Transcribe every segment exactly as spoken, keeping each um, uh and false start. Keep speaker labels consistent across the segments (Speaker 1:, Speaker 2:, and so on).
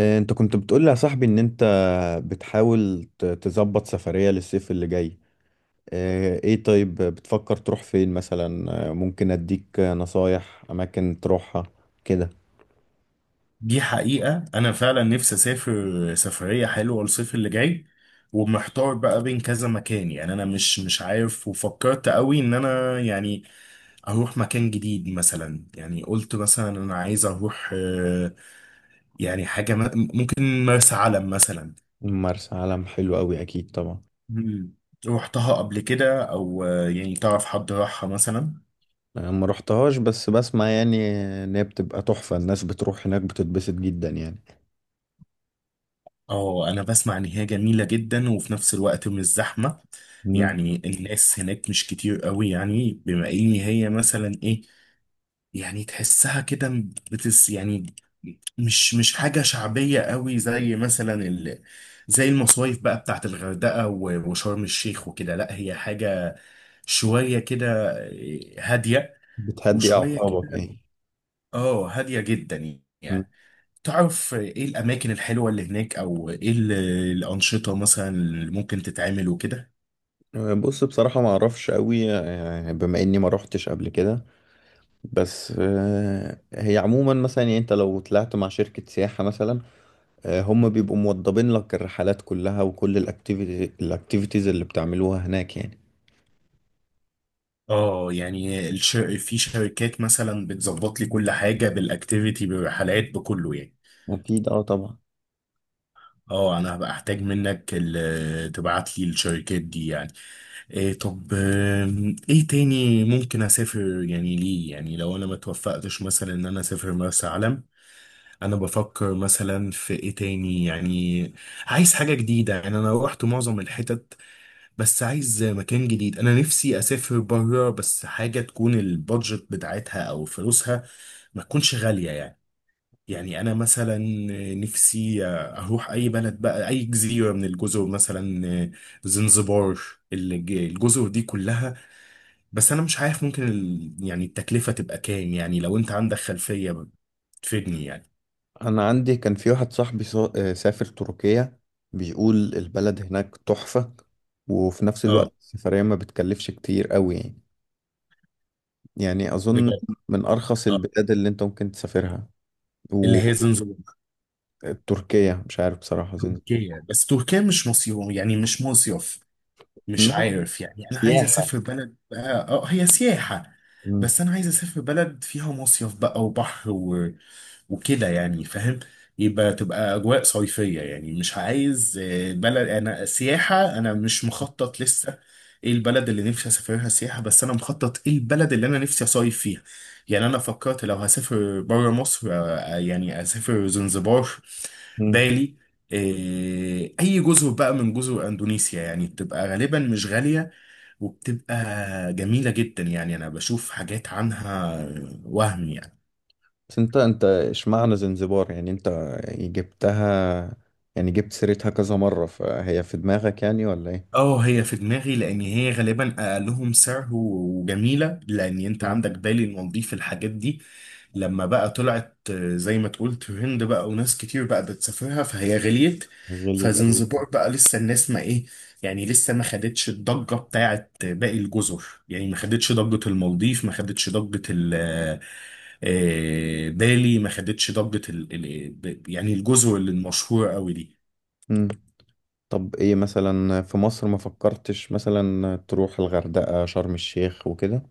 Speaker 1: آه، انت كنت بتقول لي يا صاحبي ان انت بتحاول ت- تظبط سفرية للصيف اللي جاي. آه، ايه طيب، بتفكر تروح فين مثلا؟ آه، ممكن اديك نصايح اماكن تروحها كده.
Speaker 2: دي حقيقة أنا فعلا نفسي أسافر سفرية حلوة الصيف اللي جاي، ومحتار بقى بين كذا مكان. يعني أنا مش مش عارف، وفكرت قوي إن أنا يعني أروح مكان جديد مثلا. يعني قلت مثلا أنا عايز أروح آه، يعني حاجة م- ممكن مرسى علم مثلا.
Speaker 1: مرسى علم حلو قوي، اكيد طبعا.
Speaker 2: مم. روحتها قبل كده؟ أو آه، يعني تعرف حد راحها مثلا؟
Speaker 1: انا ما روحتهاش بس بسمع يعني ان هي بتبقى تحفة، الناس بتروح هناك بتتبسط جدا يعني.
Speaker 2: اه، انا بسمع ان هي جميلة جدا، وفي نفس الوقت مش زحمة.
Speaker 1: مم.
Speaker 2: يعني الناس هناك مش كتير قوي، يعني بما ان هي مثلا ايه، يعني تحسها كده، بتس يعني مش مش حاجة شعبية قوي زي مثلا ال زي المصايف بقى بتاعت الغردقة و- وشرم الشيخ وكده. لا، هي حاجة شوية كده هادية،
Speaker 1: بتهدي
Speaker 2: وشوية
Speaker 1: اعصابك
Speaker 2: كده.
Speaker 1: يعني.
Speaker 2: اه، هادية جدا
Speaker 1: مم.
Speaker 2: يعني. تعرف ايه الاماكن الحلوه اللي هناك؟ او ايه ال- الانشطه مثلا اللي ممكن تتعمل وكده؟
Speaker 1: آه، بص بصراحة ما اعرفش قوي، آه، بما اني ما روحتش قبل كده. بس آه، هي عموما مثلا يعني انت لو طلعت مع شركة سياحة مثلا، آه، هم بيبقوا موضبين لك الرحلات كلها وكل الاكتيفيتي الاكتيفيتيز اللي بتعملوها هناك يعني.
Speaker 2: اه، يعني الش... في شركات مثلا بتظبط لي كل حاجه، بالاكتيفيتي بالرحلات بكله يعني.
Speaker 1: اكيد اه طبعا.
Speaker 2: اه، انا هبقى احتاج منك ال... تبعت لي الشركات دي يعني. إيه؟ طب، آم، ايه تاني ممكن اسافر يعني؟ ليه؟ يعني لو انا ما توفقتش مثلا ان انا اسافر مرسى علم، انا بفكر مثلا في ايه تاني يعني. عايز حاجة جديدة، يعني أنا روحت معظم الحتت، بس عايز مكان جديد. انا نفسي اسافر بره، بس حاجه تكون البادجت بتاعتها او فلوسها ما تكونش غاليه يعني يعني انا مثلا نفسي اروح اي بلد بقى، اي جزيره من الجزر مثلا، زنزبار، الج- الجزر دي كلها. بس انا مش عارف ممكن ال- يعني التكلفه تبقى كام، يعني لو انت عندك خلفيه تفيدني يعني.
Speaker 1: انا عندي كان في واحد صاحبي سا- آه، سافر تركيا، بيقول البلد هناك تحفة، وفي نفس الوقت
Speaker 2: اه،
Speaker 1: السفرية ما بتكلفش كتير قوي يعني يعني اظن
Speaker 2: بجد؟
Speaker 1: من ارخص
Speaker 2: اه،
Speaker 1: البلاد اللي انت ممكن تسافرها.
Speaker 2: اللي هي زنزبار.
Speaker 1: وتركيا مش عارف بصراحة زين-
Speaker 2: تركيا، بس تركيا مش مصيف يعني، مش مصيف. مش عارف، يعني انا عايز
Speaker 1: سياحة.
Speaker 2: اسافر بلد بقى، اه هي سياحة، بس انا عايز اسافر بلد فيها مصيف بقى وبحر و... وكده يعني، فاهم؟ يبقى تبقى اجواء صيفية يعني. مش عايز آه، بلد، انا سياحة انا مش مخطط لسه ايه البلد اللي نفسي اسافرها سياحة، بس انا مخطط ايه البلد اللي انا نفسي اصيف فيها. يعني انا فكرت لو هسافر بره مصر، آه، آه، يعني اسافر زنزبار،
Speaker 1: مم.
Speaker 2: بالي، إيه، اي جزر بقى من جزر اندونيسيا، يعني بتبقى غالبا مش غالية، وبتبقى جميلة جدا يعني. انا بشوف حاجات عنها وهم يعني.
Speaker 1: بس انت انت اشمعنى زنزبار؟ يعني انت جبتها، يعني جبت سيرتها كذا مرة فهي في دماغك يعني، ولا ايه؟
Speaker 2: اه، هي في دماغي لان هي غالبا اقلهم سعر و- وجميله، لان انت
Speaker 1: مم.
Speaker 2: عندك بالي، المالديف، الحاجات دي لما بقى طلعت آه، زي ما تقول ترند بقى، وناس كتير بقى بتسافرها، فهي غليت.
Speaker 1: غليت أوي.
Speaker 2: فزنزبور بقى لسه الناس ما ايه، يعني لسه ما خدتش الضجه بتاعت باقي الجزر. يعني ما خدتش ضجه المالديف، ما خدتش ضجه ال آه، آه، بالي، ما خدتش ضجه ال ال- يعني الجزر اللي المشهوره قوي دي.
Speaker 1: مم. طب ايه مثلا في مصر، ما فكرتش مثلا تروح الغردقة شرم الشيخ وكده؟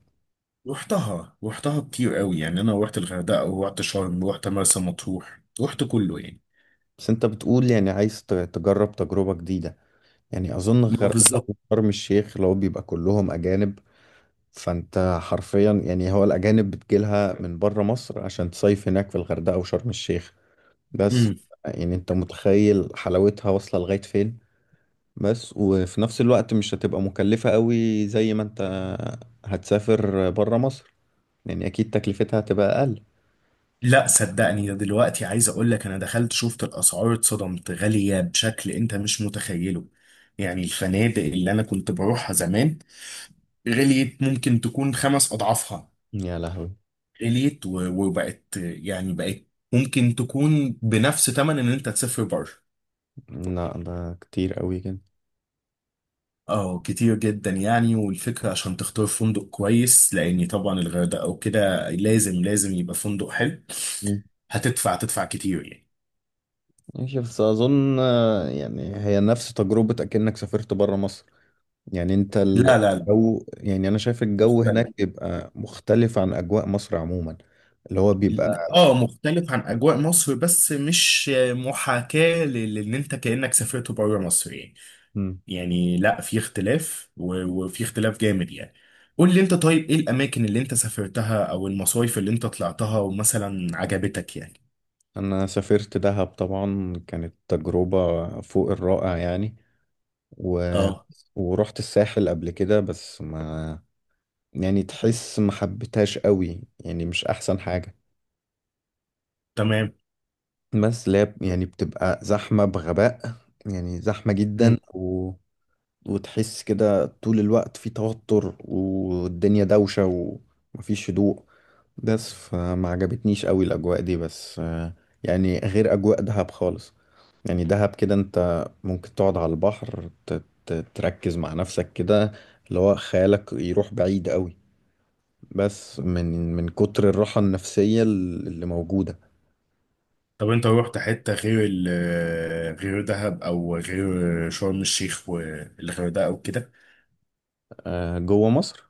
Speaker 2: رحتها رحتها كتير قوي، يعني انا رحت الغردقه ورحت شرم ورحت مرسى مطروح، رحت كله يعني.
Speaker 1: بس انت بتقول يعني عايز ت- تجرب تجربة جديدة. يعني اظن
Speaker 2: ما
Speaker 1: الغردقة
Speaker 2: بالظبط.
Speaker 1: وشرم الشيخ لو بيبقى كلهم اجانب، فانت حرفيا يعني هو الاجانب بتجيلها من بره مصر عشان تصيف هناك في الغردقة وشرم الشيخ بس.
Speaker 2: امم.
Speaker 1: يعني انت متخيل حلاوتها واصلة لغاية فين، بس وفي نفس الوقت مش هتبقى مكلفة قوي زي ما انت هتسافر برا مصر. يعني اكيد تكلفتها هتبقى اقل.
Speaker 2: لا، صدقني، ده دلوقتي عايز اقول لك، انا دخلت شفت الاسعار اتصدمت، غاليه بشكل انت مش متخيله. يعني الفنادق اللي انا كنت بروحها زمان غليت، ممكن تكون خمس اضعافها.
Speaker 1: يا لهوي،
Speaker 2: غليت و- وبقت، يعني بقت ممكن تكون بنفس ثمن ان انت تسافر بره.
Speaker 1: لا ده كتير قوي كده.
Speaker 2: اه، كتير جدا يعني. والفكرة عشان تختار فندق كويس، لأن طبعا الغردقة أو كده لازم لازم يبقى فندق حلو.
Speaker 1: مم.
Speaker 2: هتدفع تدفع كتير يعني.
Speaker 1: ماشي بس اظن آه، يعني هي نفس تجربة اكنك سافرت برا مصر. يعني انت
Speaker 2: لا لا لا،
Speaker 1: الجو، يعني انا شايف الجو
Speaker 2: مختلف.
Speaker 1: هناك بيبقى مختلف عن اجواء مصر عموما. اللي هو
Speaker 2: لا،
Speaker 1: بيبقى.
Speaker 2: اه مختلف عن أجواء مصر، بس مش محاكاة ل- لأن أنت كأنك سافرت بره مصر يعني. يعني لا، في اختلاف و- وفي اختلاف جامد يعني. قول لي أنت، طيب إيه الأماكن اللي أنت سافرتها أو المصايف اللي أنت طلعتها ومثلا عجبتك يعني؟
Speaker 1: أنا سافرت دهب، طبعا كانت تجربة فوق الرائع يعني. و...
Speaker 2: اه،
Speaker 1: ورحت الساحل قبل كده بس ما، يعني تحس ما حبيتهاش قوي يعني، مش أحسن حاجة.
Speaker 2: تمام.
Speaker 1: بس لاب يعني بتبقى زحمة بغباء، يعني زحمة جدا و... وتحس كده طول الوقت في توتر والدنيا دوشة ومفيش هدوء. بس فما عجبتنيش قوي الأجواء دي، بس آه، يعني غير أجواء دهب خالص. يعني دهب كده انت ممكن تقعد على البحر ت- ت- تركز مع نفسك كده، اللي هو خيالك يروح بعيد قوي، بس من من كتر الراحة النفسية اللي موجودة.
Speaker 2: طب انت روحت حتة غير ال غير دهب، او غير شرم الشيخ والغردقة او كده؟
Speaker 1: آه، جوه مصر.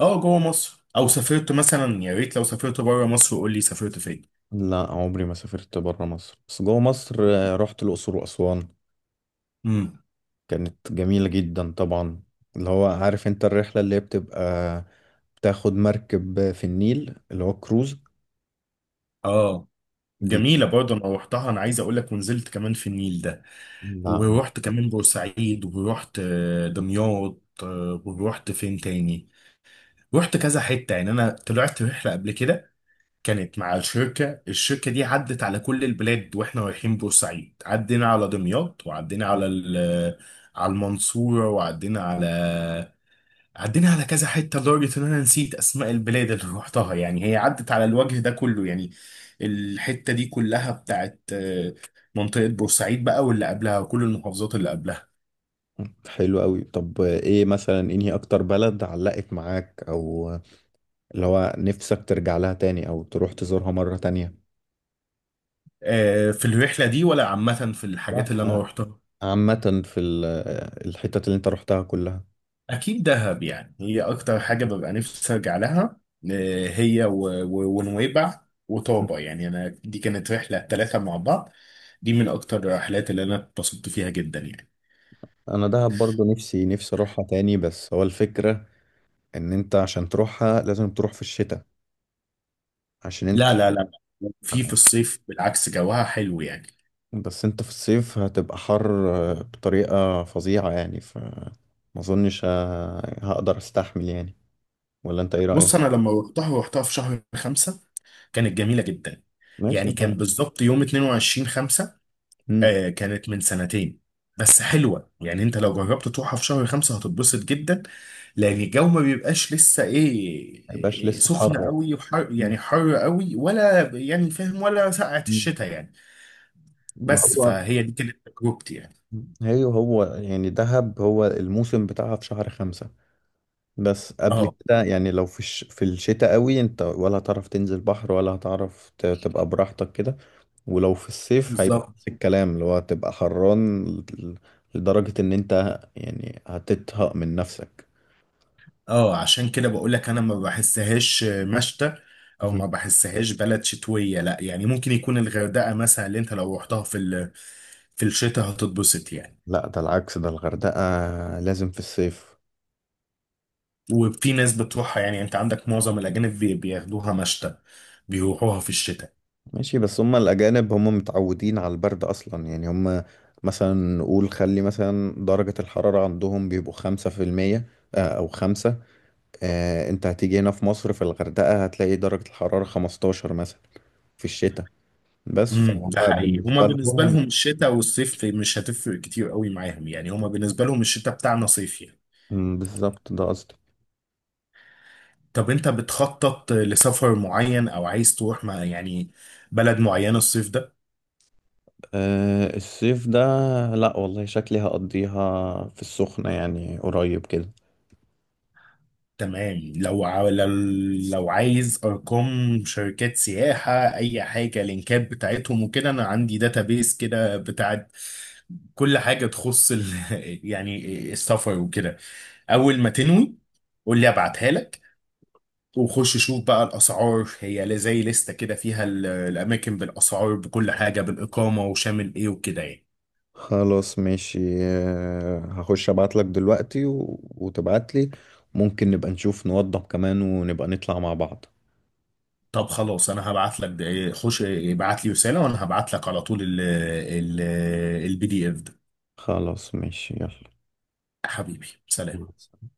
Speaker 2: اه، جوه مصر، او سافرت مثلا؟ يا ريت لو سافرت بره مصر قول لي سافرت فين.
Speaker 1: لا، عمري ما سافرت بره مصر، بس جوه مصر آه، رحت الأقصر وأسوان،
Speaker 2: امم.
Speaker 1: كانت جميلة جدا طبعا. اللي هو عارف انت الرحلة اللي هي بتبقى، بتاخد مركب في النيل اللي هو كروز
Speaker 2: اه،
Speaker 1: دي.
Speaker 2: جميلة برضه، انا روحتها، انا عايز اقول لك، ونزلت كمان في النيل ده.
Speaker 1: لا.
Speaker 2: ورحت كمان بورسعيد، ورحت آه، دمياط، آه، ورحت فين تاني؟ رحت كذا حتة يعني. انا طلعت رحلة قبل كده، كانت مع الشركة الشركة دي، عدت على كل البلاد، واحنا رايحين بورسعيد، عدينا على دمياط، وعدينا على ال- على المنصورة، وعدينا على عدينا على كذا حتة، لدرجة ان انا نسيت اسماء البلاد اللي روحتها. يعني هي عدت على الوجه ده كله، يعني الحتة دي كلها بتاعت آه، منطقة بورسعيد بقى واللي قبلها وكل المحافظات اللي قبلها.
Speaker 1: حلو قوي. طب ايه مثلا انهي اكتر بلد علقت معاك، او اللي هو نفسك ترجع لها تاني او تروح تزورها مرة تانية؟
Speaker 2: آه، في الرحلة دي ولا عامة في الحاجات
Speaker 1: لا.
Speaker 2: اللي انا
Speaker 1: آه،
Speaker 2: روحتها؟
Speaker 1: عامة في ال- الحتت اللي انت روحتها كلها.
Speaker 2: اكيد دهب، يعني هي اكتر حاجه ببقى نفسي ارجع لها، آه، هي و- و- ونويبع وطابه. يعني انا دي كانت رحله ثلاثه مع بعض، دي من اكتر الرحلات اللي انا اتبسطت فيها جدا يعني.
Speaker 1: انا دهب برضو نفسي نفسي اروحها تاني، بس هو الفكرة ان انت عشان تروحها لازم تروح في الشتاء عشان انت.
Speaker 2: لا لا لا، في في الصيف بالعكس جوها حلو يعني.
Speaker 1: بس انت في الصيف هتبقى حر بطريقة فظيعة يعني، فما اظنش ه- هقدر استحمل يعني. ولا انت ايه
Speaker 2: بص، انا
Speaker 1: رأيك؟
Speaker 2: لما روحتها روحتها في شهر خمسة، كانت جميله جدا.
Speaker 1: ماشي.
Speaker 2: يعني كان بالظبط يوم اتنين وعشرين خمسة.
Speaker 1: ما.
Speaker 2: آه كانت من سنتين، بس حلوة. يعني انت لو جربت تروحها في شهر خمسة هتتبسط جدا، لان الجو ما بيبقاش لسه
Speaker 1: ما يبقاش
Speaker 2: ايه، آه،
Speaker 1: لسه
Speaker 2: سخن
Speaker 1: حر.
Speaker 2: قوي وحر،
Speaker 1: مم.
Speaker 2: يعني حر قوي، ولا يعني فاهم، ولا سقعة
Speaker 1: مم.
Speaker 2: الشتاء يعني.
Speaker 1: ما
Speaker 2: بس
Speaker 1: هو،
Speaker 2: فهي دي كانت تجربتي يعني.
Speaker 1: هي هو يعني دهب هو الموسم بتاعها في شهر خمسة. بس قبل
Speaker 2: اه،
Speaker 1: كده يعني لو في الش... في الشتاء قوي انت، ولا هتعرف تنزل بحر ولا هتعرف ت... تبقى براحتك كده. ولو في الصيف هيبقى
Speaker 2: بالظبط.
Speaker 1: نفس الكلام، اللي هو هتبقى حران، ل- لدرجة ان انت يعني هتتهق من نفسك.
Speaker 2: اه، عشان كده بقول لك انا ما بحسهاش مشتى، او ما بحسهاش بلد شتوية، لا يعني. ممكن يكون الغردقة مثلا اللي انت لو رحتها في ال... في الشتاء هتتبسط يعني.
Speaker 1: لا، ده العكس، ده الغردقة لازم في الصيف.
Speaker 2: وفي ناس بتروحها يعني، انت عندك معظم الاجانب بي- بياخدوها مشتى، بيروحوها في الشتاء.
Speaker 1: ماشي بس هم الأجانب هم متعودين على البرد أصلا، يعني هم مثلا نقول خلي مثلا درجة الحرارة عندهم بيبقوا خمسة في المية، آه، أو خمسة. آه، أنت هتيجي هنا في مصر، في الغردقة هتلاقي درجة الحرارة خمستاشر مثلا في الشتاء. بس
Speaker 2: امم.
Speaker 1: فهم
Speaker 2: ده حقيقي، هما
Speaker 1: بالنسبة
Speaker 2: بالنسبه
Speaker 1: لهم.
Speaker 2: لهم الشتاء والصيف مش هتفرق كتير قوي معاهم، يعني هما بالنسبه لهم الشتاء بتاعنا صيف يعني.
Speaker 1: مم، بالظبط ده قصدي.
Speaker 2: طب انت بتخطط لسفر معين او عايز تروح مع يعني بلد معينه الصيف ده؟
Speaker 1: آه، الصيف ده، لأ والله شكلي هقضيها في السخنة يعني قريب كده.
Speaker 2: تمام. لو عاو- لو لو عايز ارقام شركات سياحه، اي حاجه، لينكات بتاعتهم وكده، انا عندي داتابيس كده بتاعت كل حاجه تخص ال... يعني السفر وكده. اول ما تنوي قول لي، ابعتها لك، وخش شوف بقى الاسعار، هي ل- زي لستة كده فيها ال- الاماكن بالاسعار بكل حاجه، بالاقامه، وشامل ايه وكده يعني.
Speaker 1: خلاص ماشي، آه، هخش ابعت لك دلوقتي و... وتبعت لي. ممكن نبقى نشوف نوضب كمان، ونبقى نطلع مع بعض.
Speaker 2: طب خلاص، انا هبعت لك ده- خش ابعت لي رساله، وانا هبعت لك على طول ال ال البي دي اف.
Speaker 1: خلاص ماشي.
Speaker 2: حبيبي، سلام.
Speaker 1: يلا